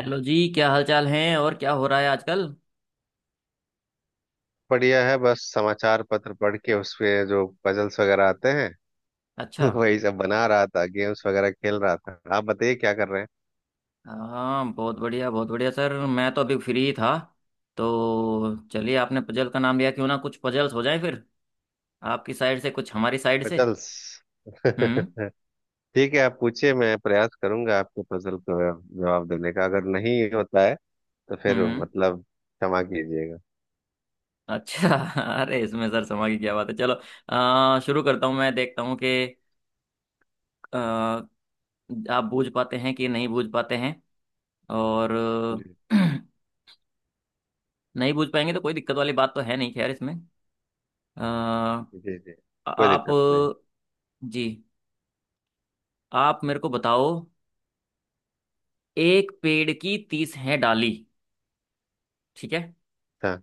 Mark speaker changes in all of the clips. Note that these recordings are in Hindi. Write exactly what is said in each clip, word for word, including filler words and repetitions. Speaker 1: हेलो जी। क्या हाल चाल हैं और क्या हो रहा है आजकल?
Speaker 2: बढ़िया है। बस समाचार पत्र पढ़ के उसपे जो पजल्स वगैरह आते हैं
Speaker 1: अच्छा।
Speaker 2: वही सब बना रहा था, गेम्स वगैरह खेल रहा था। आप बताइए क्या कर रहे हैं?
Speaker 1: हाँ, बहुत बढ़िया बहुत बढ़िया सर। मैं तो अभी फ्री था तो चलिए, आपने पजल का नाम लिया, क्यों ना कुछ पजल्स हो जाए फिर, आपकी साइड से कुछ हमारी साइड से।
Speaker 2: पजल्स?
Speaker 1: हम्म
Speaker 2: ठीक है, आप पूछिए। मैं प्रयास करूंगा आपके पजल को जवाब देने का। अगर नहीं होता है तो फिर
Speaker 1: हम्म।
Speaker 2: मतलब क्षमा कीजिएगा।
Speaker 1: अच्छा। अरे इसमें सर समा की क्या बात है, चलो आ, शुरू करता हूँ, मैं देखता हूँ कि आ, आप बूझ पाते हैं कि नहीं बूझ पाते हैं, और
Speaker 2: जी
Speaker 1: नहीं बूझ पाएंगे तो कोई दिक्कत वाली बात तो है नहीं, खैर इसमें आ,
Speaker 2: जी जी, कोई
Speaker 1: आप,
Speaker 2: दिक्कत नहीं।
Speaker 1: जी, आप मेरे को बताओ। एक पेड़ की तीस है डाली, ठीक है,
Speaker 2: हाँ,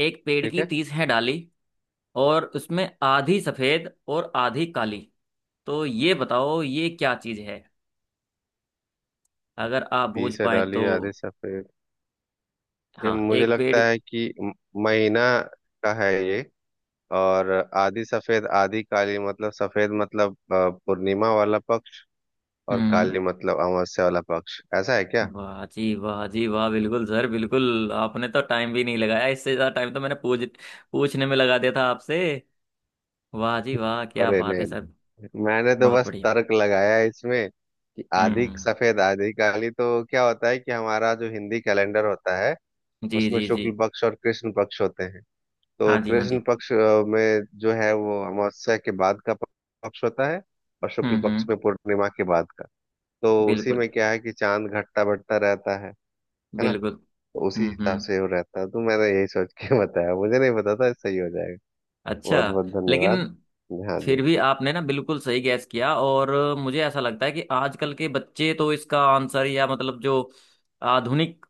Speaker 1: एक पेड़
Speaker 2: ठीक
Speaker 1: की
Speaker 2: है।
Speaker 1: तीस है डाली, और उसमें आधी सफेद और आधी काली, तो ये बताओ ये क्या चीज है, अगर आप
Speaker 2: पी
Speaker 1: बूझ
Speaker 2: से
Speaker 1: पाए तो।
Speaker 2: डालिए आधे सफेद। ये
Speaker 1: हाँ,
Speaker 2: मुझे
Speaker 1: एक पेड़।
Speaker 2: लगता है कि म- महीना का है ये। और आधी सफेद आधी काली मतलब सफेद मतलब अ, पूर्णिमा वाला पक्ष, और
Speaker 1: हम्म।
Speaker 2: काली मतलब अमावस्या वाला पक्ष। ऐसा है क्या?
Speaker 1: वाह जी, वाह जी, वाह, बिल्कुल सर, बिल्कुल, आपने तो टाइम भी नहीं लगाया, इससे ज्यादा टाइम तो मैंने पूछ पूछने में लगा दिया था आपसे। वाह जी वाह, क्या
Speaker 2: अरे
Speaker 1: बात है
Speaker 2: नहीं
Speaker 1: सर।
Speaker 2: नहीं। मैंने तो
Speaker 1: बहुत
Speaker 2: बस
Speaker 1: बढ़िया।
Speaker 2: तर्क लगाया है इसमें कि आधी
Speaker 1: हम्म।
Speaker 2: सफेद आधी काली तो क्या होता है कि हमारा जो हिंदी कैलेंडर होता है,
Speaker 1: जी
Speaker 2: उसमें
Speaker 1: जी जी।
Speaker 2: शुक्ल पक्ष और कृष्ण पक्ष होते हैं। तो
Speaker 1: हाँ जी, हाँ
Speaker 2: कृष्ण
Speaker 1: जी।
Speaker 2: पक्ष अ, में जो है वो अमावस्या के बाद का पक्ष होता है, और शुक्ल
Speaker 1: हम्म
Speaker 2: पक्ष
Speaker 1: हम्म।
Speaker 2: में पूर्णिमा के बाद का। तो उसी
Speaker 1: बिल्कुल
Speaker 2: में क्या है कि चांद घटता बढ़ता रहता है है ना।
Speaker 1: बिल्कुल।
Speaker 2: उसी
Speaker 1: हम्म
Speaker 2: हिसाब
Speaker 1: हम्म।
Speaker 2: से वो रहता है। तो मैंने यही सोच के बताया। मुझे नहीं पता था सही हो जाएगा।
Speaker 1: अच्छा।
Speaker 2: बहुत बहुत
Speaker 1: लेकिन
Speaker 2: धन्यवाद। हाँ जी।
Speaker 1: फिर भी आपने ना बिल्कुल सही गैस किया, और मुझे ऐसा लगता है कि आजकल के बच्चे तो इसका आंसर, या मतलब जो आधुनिक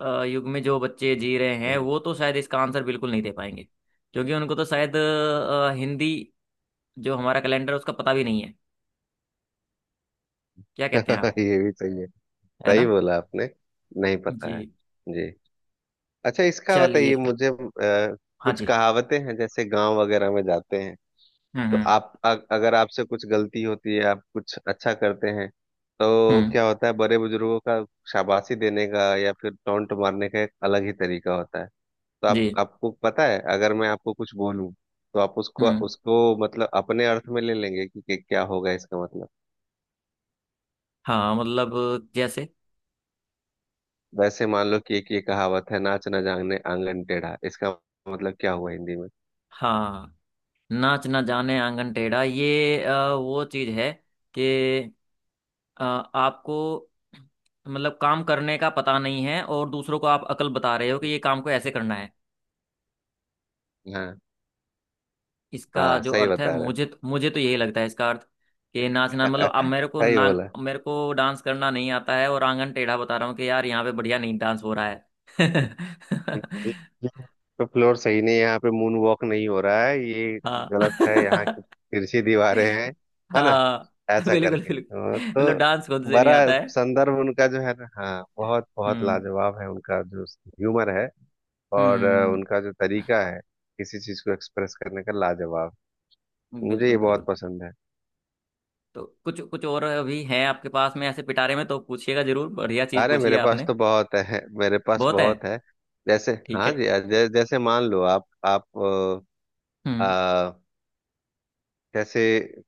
Speaker 1: अ, युग में जो बच्चे जी रहे हैं,
Speaker 2: हम्म।
Speaker 1: वो तो शायद इसका आंसर बिल्कुल नहीं दे पाएंगे, क्योंकि उनको तो शायद अ, हिंदी जो हमारा कैलेंडर है उसका पता भी नहीं है। क्या कहते हैं आप,
Speaker 2: ये भी सही है।
Speaker 1: है
Speaker 2: सही
Speaker 1: ना?
Speaker 2: बोला आपने। नहीं
Speaker 1: जी।
Speaker 2: पता है। जी। अच्छा, इसका
Speaker 1: चलिए।
Speaker 2: बताइए मुझे। अ,
Speaker 1: हाँ
Speaker 2: कुछ
Speaker 1: जी।
Speaker 2: कहावतें हैं जैसे गांव वगैरह में जाते हैं।
Speaker 1: हम्म
Speaker 2: तो
Speaker 1: हम्म।
Speaker 2: आप अ- अगर आपसे कुछ गलती होती है, आप कुछ अच्छा करते हैं, तो
Speaker 1: हम्म।
Speaker 2: क्या होता है बड़े बुजुर्गों का शाबाशी देने का या फिर टोंट मारने का एक अलग ही तरीका होता है। तो
Speaker 1: जी।
Speaker 2: आप, आपको पता है अगर मैं आपको कुछ बोलूं तो आप उसको
Speaker 1: हम्म।
Speaker 2: उसको मतलब अपने अर्थ में ले लेंगे कि, कि क्या होगा इसका मतलब।
Speaker 1: हाँ, मतलब, जैसे।
Speaker 2: वैसे मान लो कि एक ये कहावत है, नाच न जाने आंगन टेढ़ा। इसका मतलब क्या हुआ हिंदी में?
Speaker 1: हाँ, नाच ना जाने आंगन टेढ़ा, ये अ, वो चीज है कि अ, आपको, मतलब, काम करने का पता नहीं है और दूसरों को आप अकल बता रहे हो कि ये काम को ऐसे करना है।
Speaker 2: हाँ
Speaker 1: इसका
Speaker 2: हाँ,
Speaker 1: जो
Speaker 2: सही
Speaker 1: अर्थ है,
Speaker 2: बता रहे
Speaker 1: मुझे मुझे तो यही लगता है इसका अर्थ, कि
Speaker 2: हो।
Speaker 1: नाचना मतलब अब मेरे को
Speaker 2: सही
Speaker 1: ना,
Speaker 2: बोला।
Speaker 1: मेरे को डांस करना नहीं आता है और आंगन टेढ़ा बता रहा हूँ कि यार यहाँ पे बढ़िया नहीं डांस हो रहा है।
Speaker 2: तो फ्लोर सही नहीं है यहाँ पे, मून वॉक नहीं हो रहा है, ये
Speaker 1: हाँ।
Speaker 2: गलत है, यहाँ की तिरछी दीवारें हैं, है ना,
Speaker 1: हाँ,
Speaker 2: ऐसा
Speaker 1: बिल्कुल
Speaker 2: करके।
Speaker 1: बिल्कुल,
Speaker 2: हाँ,
Speaker 1: मतलब डांस खुद
Speaker 2: तो
Speaker 1: से नहीं
Speaker 2: बड़ा
Speaker 1: आता है।
Speaker 2: संदर्भ उनका जो है ना, हाँ, बहुत बहुत
Speaker 1: हम्म
Speaker 2: लाजवाब है उनका जो ह्यूमर है और अ,
Speaker 1: हम्म।
Speaker 2: उनका जो तरीका है किसी चीज को एक्सप्रेस करने का, लाजवाब। मुझे ये
Speaker 1: बिल्कुल
Speaker 2: बहुत
Speaker 1: बिल्कुल।
Speaker 2: पसंद है।
Speaker 1: तो कुछ कुछ और अभी है आपके पास में ऐसे पिटारे में तो पूछिएगा जरूर, बढ़िया चीज
Speaker 2: अरे
Speaker 1: पूछिए
Speaker 2: मेरे पास
Speaker 1: आपने।
Speaker 2: तो बहुत है, मेरे पास
Speaker 1: बहुत है।
Speaker 2: बहुत है। जैसे
Speaker 1: ठीक
Speaker 2: हाँ
Speaker 1: है।
Speaker 2: जी, जै, जैसे मान लो आप
Speaker 1: हम्म।
Speaker 2: आप जैसे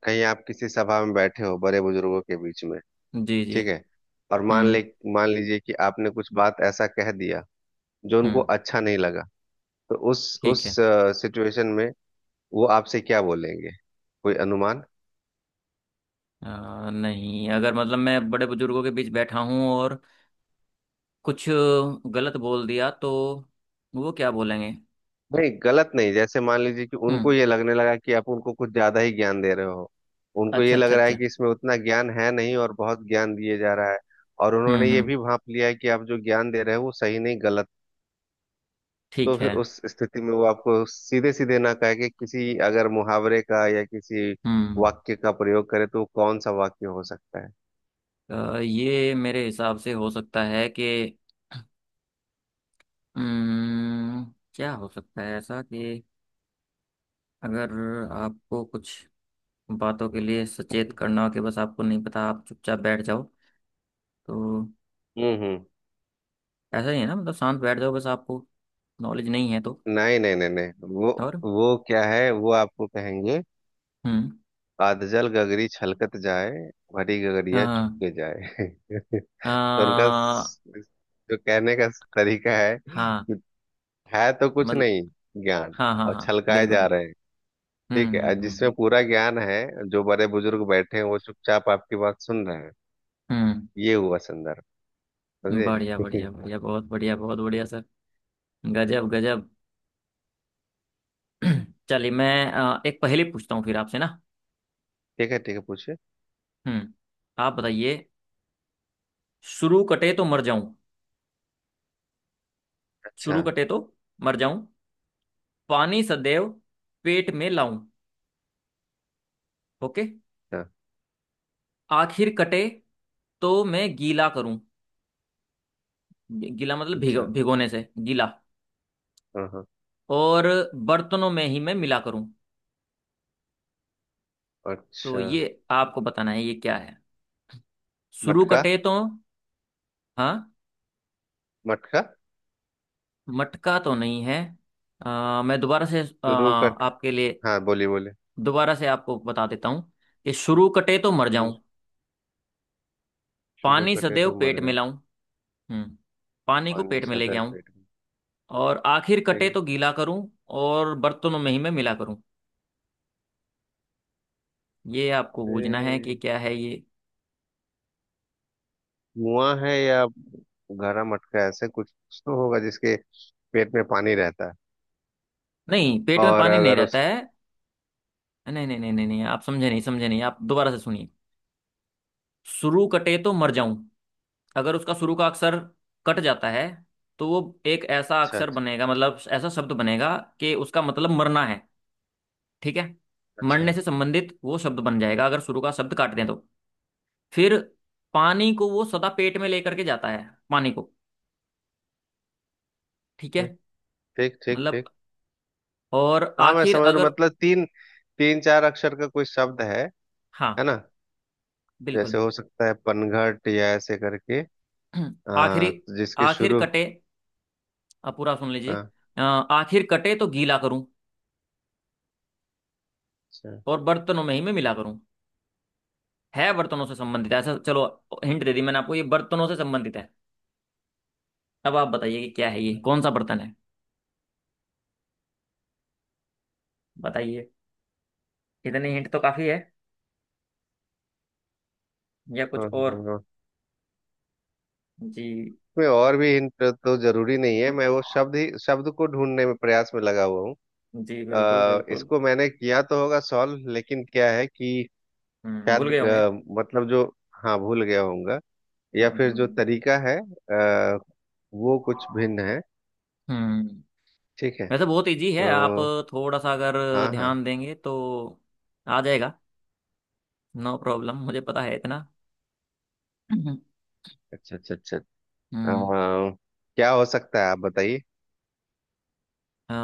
Speaker 2: कहीं आप किसी सभा में बैठे हो बड़े बुजुर्गों के बीच में,
Speaker 1: जी जी।
Speaker 2: ठीक है, और मान
Speaker 1: हम्म
Speaker 2: ले, मान लीजिए कि आपने कुछ बात ऐसा कह दिया जो उनको
Speaker 1: हम्म।
Speaker 2: अच्छा नहीं लगा, तो उस
Speaker 1: ठीक
Speaker 2: उस
Speaker 1: है।
Speaker 2: सिचुएशन में वो आपसे क्या बोलेंगे? कोई अनुमान?
Speaker 1: अ, नहीं, अगर, मतलब, मैं बड़े बुजुर्गों के बीच बैठा हूँ और कुछ गलत बोल दिया तो वो क्या बोलेंगे?
Speaker 2: नहीं गलत नहीं, जैसे मान लीजिए कि उनको
Speaker 1: हम्म।
Speaker 2: ये लगने लगा कि आप उनको कुछ ज्यादा ही ज्ञान दे रहे हो। उनको
Speaker 1: अच्छा
Speaker 2: ये लग
Speaker 1: अच्छा
Speaker 2: रहा है
Speaker 1: अच्छा।
Speaker 2: कि इसमें उतना ज्ञान है नहीं और बहुत ज्ञान दिए जा रहा है। और उन्होंने
Speaker 1: हम्म
Speaker 2: ये भी
Speaker 1: हम्म।
Speaker 2: भांप लिया है कि आप जो ज्ञान दे रहे हो वो सही नहीं, गलत। तो
Speaker 1: ठीक
Speaker 2: फिर
Speaker 1: है।
Speaker 2: उस स्थिति में वो आपको सीधे सीधे ना कहे कि किसी अगर मुहावरे का या किसी
Speaker 1: हम्म।
Speaker 2: वाक्य का प्रयोग करे तो वो कौन सा वाक्य हो सकता है?
Speaker 1: अ, ये मेरे हिसाब से हो सकता है कि, हम्म, क्या हो सकता है ऐसा कि अगर आपको कुछ बातों के लिए सचेत
Speaker 2: हम्म।
Speaker 1: करना हो, कि बस आपको नहीं पता, आप चुपचाप बैठ जाओ तो।
Speaker 2: हम्म हम्म।
Speaker 1: ऐसा ही है ना? मतलब शांत बैठ जाओ, बस आपको नॉलेज नहीं है तो,
Speaker 2: नहीं नहीं नहीं नहीं, वो
Speaker 1: और,
Speaker 2: वो क्या है, वो आपको कहेंगे,
Speaker 1: हम्म।
Speaker 2: आदजल गगरी छलकत जाए, भरी गगरिया
Speaker 1: हाँ
Speaker 2: चुपके जाए। तो उनका
Speaker 1: हाँ
Speaker 2: स- जो कहने का तरीका है
Speaker 1: हाँ,
Speaker 2: कि है तो कुछ
Speaker 1: मतलब।
Speaker 2: नहीं ज्ञान,
Speaker 1: हाँ हाँ
Speaker 2: और
Speaker 1: हाँ,
Speaker 2: छलकाए
Speaker 1: बिल्कुल
Speaker 2: जा
Speaker 1: बिल्कुल।
Speaker 2: रहे हैं। ठीक
Speaker 1: हम्म
Speaker 2: है, और
Speaker 1: हम्म
Speaker 2: जिसमें
Speaker 1: हम्म
Speaker 2: पूरा ज्ञान है, जो बड़े बुजुर्ग बैठे हैं, वो चुपचाप आपकी बात सुन रहे हैं।
Speaker 1: हम्म।
Speaker 2: ये हुआ संदर्भ।
Speaker 1: हम्म,
Speaker 2: समझे?
Speaker 1: बढ़िया बढ़िया
Speaker 2: ठीक
Speaker 1: बढ़िया, बहुत बढ़िया, बहुत बढ़िया सर, गजब गजब। चलिए, मैं अ, एक पहेली पूछता हूँ फिर आपसे ना।
Speaker 2: है। ठीक है, पूछिए।
Speaker 1: हम्म। आप बताइए। शुरू कटे तो मर जाऊं,
Speaker 2: अच्छा
Speaker 1: शुरू कटे तो मर जाऊं, पानी सदैव पेट में लाऊं। ओके।
Speaker 2: अच्छा
Speaker 1: आखिर कटे तो मैं गीला करूं, गीला मतलब भिगो,
Speaker 2: अच्छा।
Speaker 1: भिगोने से गीला,
Speaker 2: हाँ हाँ।
Speaker 1: और बर्तनों में ही मैं मिला करूं, तो
Speaker 2: अच्छा।
Speaker 1: ये आपको बताना है ये क्या है। शुरू
Speaker 2: मटका।
Speaker 1: कटे तो। हाँ।
Speaker 2: मटका।
Speaker 1: मटका तो नहीं है, आ, मैं दोबारा से, आ,
Speaker 2: शुरू कट,
Speaker 1: आपके लिए
Speaker 2: हाँ बोलिए बोलिए।
Speaker 1: दोबारा से आपको बता देता हूँ, कि शुरू कटे तो मर
Speaker 2: हम्म।
Speaker 1: जाऊं,
Speaker 2: शुरू
Speaker 1: पानी
Speaker 2: कटे
Speaker 1: सदैव
Speaker 2: तो
Speaker 1: पेट
Speaker 2: मर
Speaker 1: में
Speaker 2: जाओ,
Speaker 1: लाऊं। हम्म। पानी को
Speaker 2: पानी
Speaker 1: पेट में लेके
Speaker 2: सदा
Speaker 1: आऊं,
Speaker 2: पेट में,
Speaker 1: और आखिर
Speaker 2: ठीक
Speaker 1: कटे
Speaker 2: है।
Speaker 1: तो गीला करूं, और बर्तनों में ही मैं मिला करूं। ये आपको बूझना है कि
Speaker 2: अरे,
Speaker 1: क्या है ये।
Speaker 2: मुआ है, या गहरा मटका, ऐसे कुछ तो होगा जिसके पेट में पानी रहता है।
Speaker 1: नहीं, पेट में
Speaker 2: और
Speaker 1: पानी नहीं
Speaker 2: अगर
Speaker 1: रहता
Speaker 2: उस,
Speaker 1: है। नहीं नहीं नहीं नहीं नहीं, आप समझे नहीं, समझे नहीं आप, दोबारा से सुनिए। शुरू कटे तो मर जाऊं, अगर उसका शुरू का अक्षर कट जाता है तो वो एक ऐसा
Speaker 2: अच्छा
Speaker 1: अक्षर
Speaker 2: अच्छा
Speaker 1: बनेगा, मतलब ऐसा शब्द बनेगा कि उसका मतलब मरना है, ठीक है। मरने
Speaker 2: अच्छा,
Speaker 1: से संबंधित वो शब्द बन जाएगा अगर शुरू का शब्द काट दें तो। फिर पानी को वो सदा पेट में लेकर के जाता है, पानी को, ठीक है।
Speaker 2: ठीक ठीक ठीक।
Speaker 1: मतलब,
Speaker 2: ठीक,
Speaker 1: और
Speaker 2: हाँ, मैं
Speaker 1: आखिर
Speaker 2: समझ रहा हूँ।
Speaker 1: अगर,
Speaker 2: मतलब तीन, तीन चार अक्षर का कोई शब्द है है
Speaker 1: हाँ,
Speaker 2: ना। जैसे
Speaker 1: बिल्कुल।
Speaker 2: हो सकता है पनघट या ऐसे करके।
Speaker 1: आखिरी,
Speaker 2: आ, जिसके
Speaker 1: आखिर
Speaker 2: शुरू,
Speaker 1: कटे, अब पूरा सुन लीजिए।
Speaker 2: हाँ,
Speaker 1: अ, आखिर कटे तो गीला करूं,
Speaker 2: अच्छा,
Speaker 1: और बर्तनों में ही मैं मिला करूं, है बर्तनों से संबंधित है। ऐसा चलो, हिंट दे दी मैंने आपको, ये बर्तनों से संबंधित है। अब आप बताइए कि क्या है ये, कौन सा बर्तन है, बताइए। इतने हिंट तो काफी है, या कुछ
Speaker 2: हाँ,
Speaker 1: और?
Speaker 2: हाँ, हाँ।
Speaker 1: जी
Speaker 2: में और भी हिंट तो जरूरी नहीं है, मैं वो शब्द ही, शब्द को ढूंढने में प्रयास में लगा हुआ हूँ।
Speaker 1: जी, बिल्कुल
Speaker 2: अ,
Speaker 1: बिल्कुल।
Speaker 2: इसको मैंने किया तो होगा सॉल्व, लेकिन क्या है कि
Speaker 1: हम्म, भूल
Speaker 2: शायद
Speaker 1: गए होंगे।
Speaker 2: अ, मतलब जो, हाँ भूल गया होऊंगा, या
Speaker 1: हम्म
Speaker 2: फिर जो
Speaker 1: हम्म
Speaker 2: तरीका है अ, वो कुछ भिन्न है।
Speaker 1: हम्म हम्म।
Speaker 2: ठीक है।
Speaker 1: वैसे बहुत इजी
Speaker 2: तो
Speaker 1: है, आप थोड़ा सा अगर
Speaker 2: हाँ हाँ,
Speaker 1: ध्यान देंगे तो आ जाएगा, नो प्रॉब्लम, मुझे पता है इतना। हम्म।
Speaker 2: अच्छा अच्छा अच्छा।
Speaker 1: हम्म,
Speaker 2: अम, क्या हो सकता है आप बताइए?
Speaker 1: आ,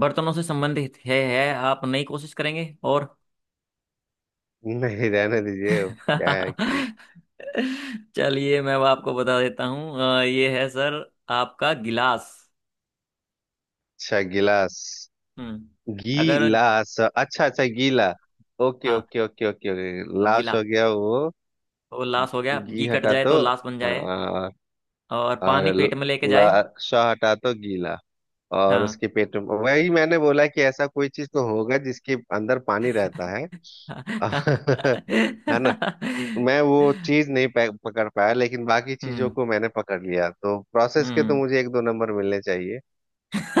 Speaker 1: बर्तनों से संबंधित है है आप नई कोशिश करेंगे? और
Speaker 2: नहीं रहने दीजिए, क्या है कि,
Speaker 1: चलिए मैं अब आपको बता देता हूँ, आ, ये है सर, आपका गिलास।
Speaker 2: अच्छा गिलास,
Speaker 1: हम्म। अगर,
Speaker 2: गिलास, अच्छा अच्छा, गीला। ओके
Speaker 1: हाँ,
Speaker 2: ओके ओके ओके ओके, लाश
Speaker 1: गिला
Speaker 2: हो गया वो।
Speaker 1: तो लाश हो गया,
Speaker 2: घी
Speaker 1: घी कट
Speaker 2: हटा
Speaker 1: जाए
Speaker 2: तो,
Speaker 1: तो लाश बन जाए,
Speaker 2: हाँ,
Speaker 1: और
Speaker 2: और
Speaker 1: पानी
Speaker 2: ल-
Speaker 1: पेट में लेके जाए।
Speaker 2: लाश हटा तो गीला, और
Speaker 1: हाँ।
Speaker 2: उसके पेट में, वही मैंने बोला कि ऐसा कोई चीज तो होगा जिसके अंदर पानी रहता है। है ना। मैं वो चीज नहीं पै- पकड़ पाया, लेकिन बाकी चीजों
Speaker 1: हम्म
Speaker 2: को मैंने पकड़ लिया, तो प्रोसेस के तो
Speaker 1: हम्म।
Speaker 2: मुझे एक दो नंबर मिलने चाहिए।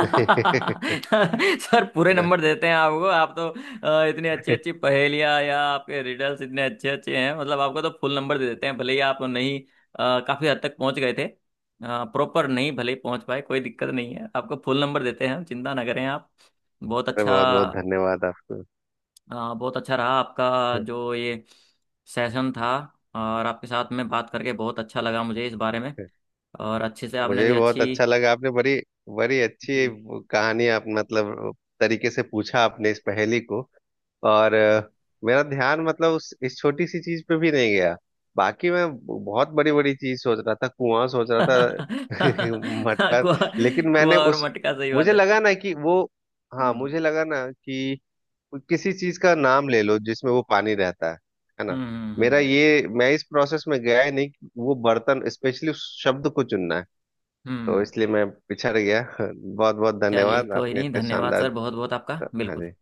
Speaker 1: सर पूरे
Speaker 2: है ना।
Speaker 1: नंबर देते हैं आपको आप तो, अ, इतनी अच्छी
Speaker 2: अरे,
Speaker 1: अच्छी पहेलियाँ, या आपके रिडल्स इतने अच्छे अच्छे हैं, मतलब आपको तो फुल नंबर दे देते हैं, भले ही आप नहीं, अ, काफी हद तक पहुंच गए थे, प्रॉपर नहीं भले ही पहुंच पाए, कोई दिक्कत नहीं है, आपको फुल नंबर देते हैं हम, चिंता ना करें आप। बहुत
Speaker 2: बहुत बहुत
Speaker 1: अच्छा।
Speaker 2: धन्यवाद आपको।
Speaker 1: अ, बहुत अच्छा रहा आपका जो ये सेशन था, और आपके साथ में बात करके बहुत अच्छा लगा मुझे इस बारे में, और अच्छे से आपने
Speaker 2: मुझे
Speaker 1: भी
Speaker 2: भी बहुत
Speaker 1: अच्छी।
Speaker 2: अच्छा लगा, आपने बड़ी, बड़ी अच्छी
Speaker 1: जी।
Speaker 2: कहानी, आप मतलब, तरीके से पूछा आपने इस पहेली को। और अ, मेरा ध्यान मतलब उस, इस छोटी सी चीज पे भी नहीं गया। बाकी मैं बहुत बड़ी बड़ी चीज सोच रहा था, कुआं सोच रहा था, मटका।
Speaker 1: कुआ,
Speaker 2: लेकिन मैंने
Speaker 1: कुआ और
Speaker 2: उस,
Speaker 1: मटका, सही बात
Speaker 2: मुझे
Speaker 1: है।
Speaker 2: लगा ना कि वो, हाँ
Speaker 1: हम्म
Speaker 2: मुझे लगा ना कि किसी चीज का नाम ले लो जिसमें वो पानी रहता है है ना।
Speaker 1: हम्म हम्म
Speaker 2: मेरा
Speaker 1: हम्म,
Speaker 2: ये, मैं इस प्रोसेस में गया ही नहीं कि वो बर्तन स्पेशली उस शब्द को चुनना है, तो
Speaker 1: हम्म।
Speaker 2: इसलिए मैं पिछड़ गया। बहुत बहुत
Speaker 1: चलिए
Speaker 2: धन्यवाद,
Speaker 1: कोई
Speaker 2: आपने
Speaker 1: नहीं,
Speaker 2: इतने
Speaker 1: धन्यवाद
Speaker 2: शानदार।
Speaker 1: सर बहुत बहुत, आपका
Speaker 2: हाँ
Speaker 1: बिल्कुल
Speaker 2: जी।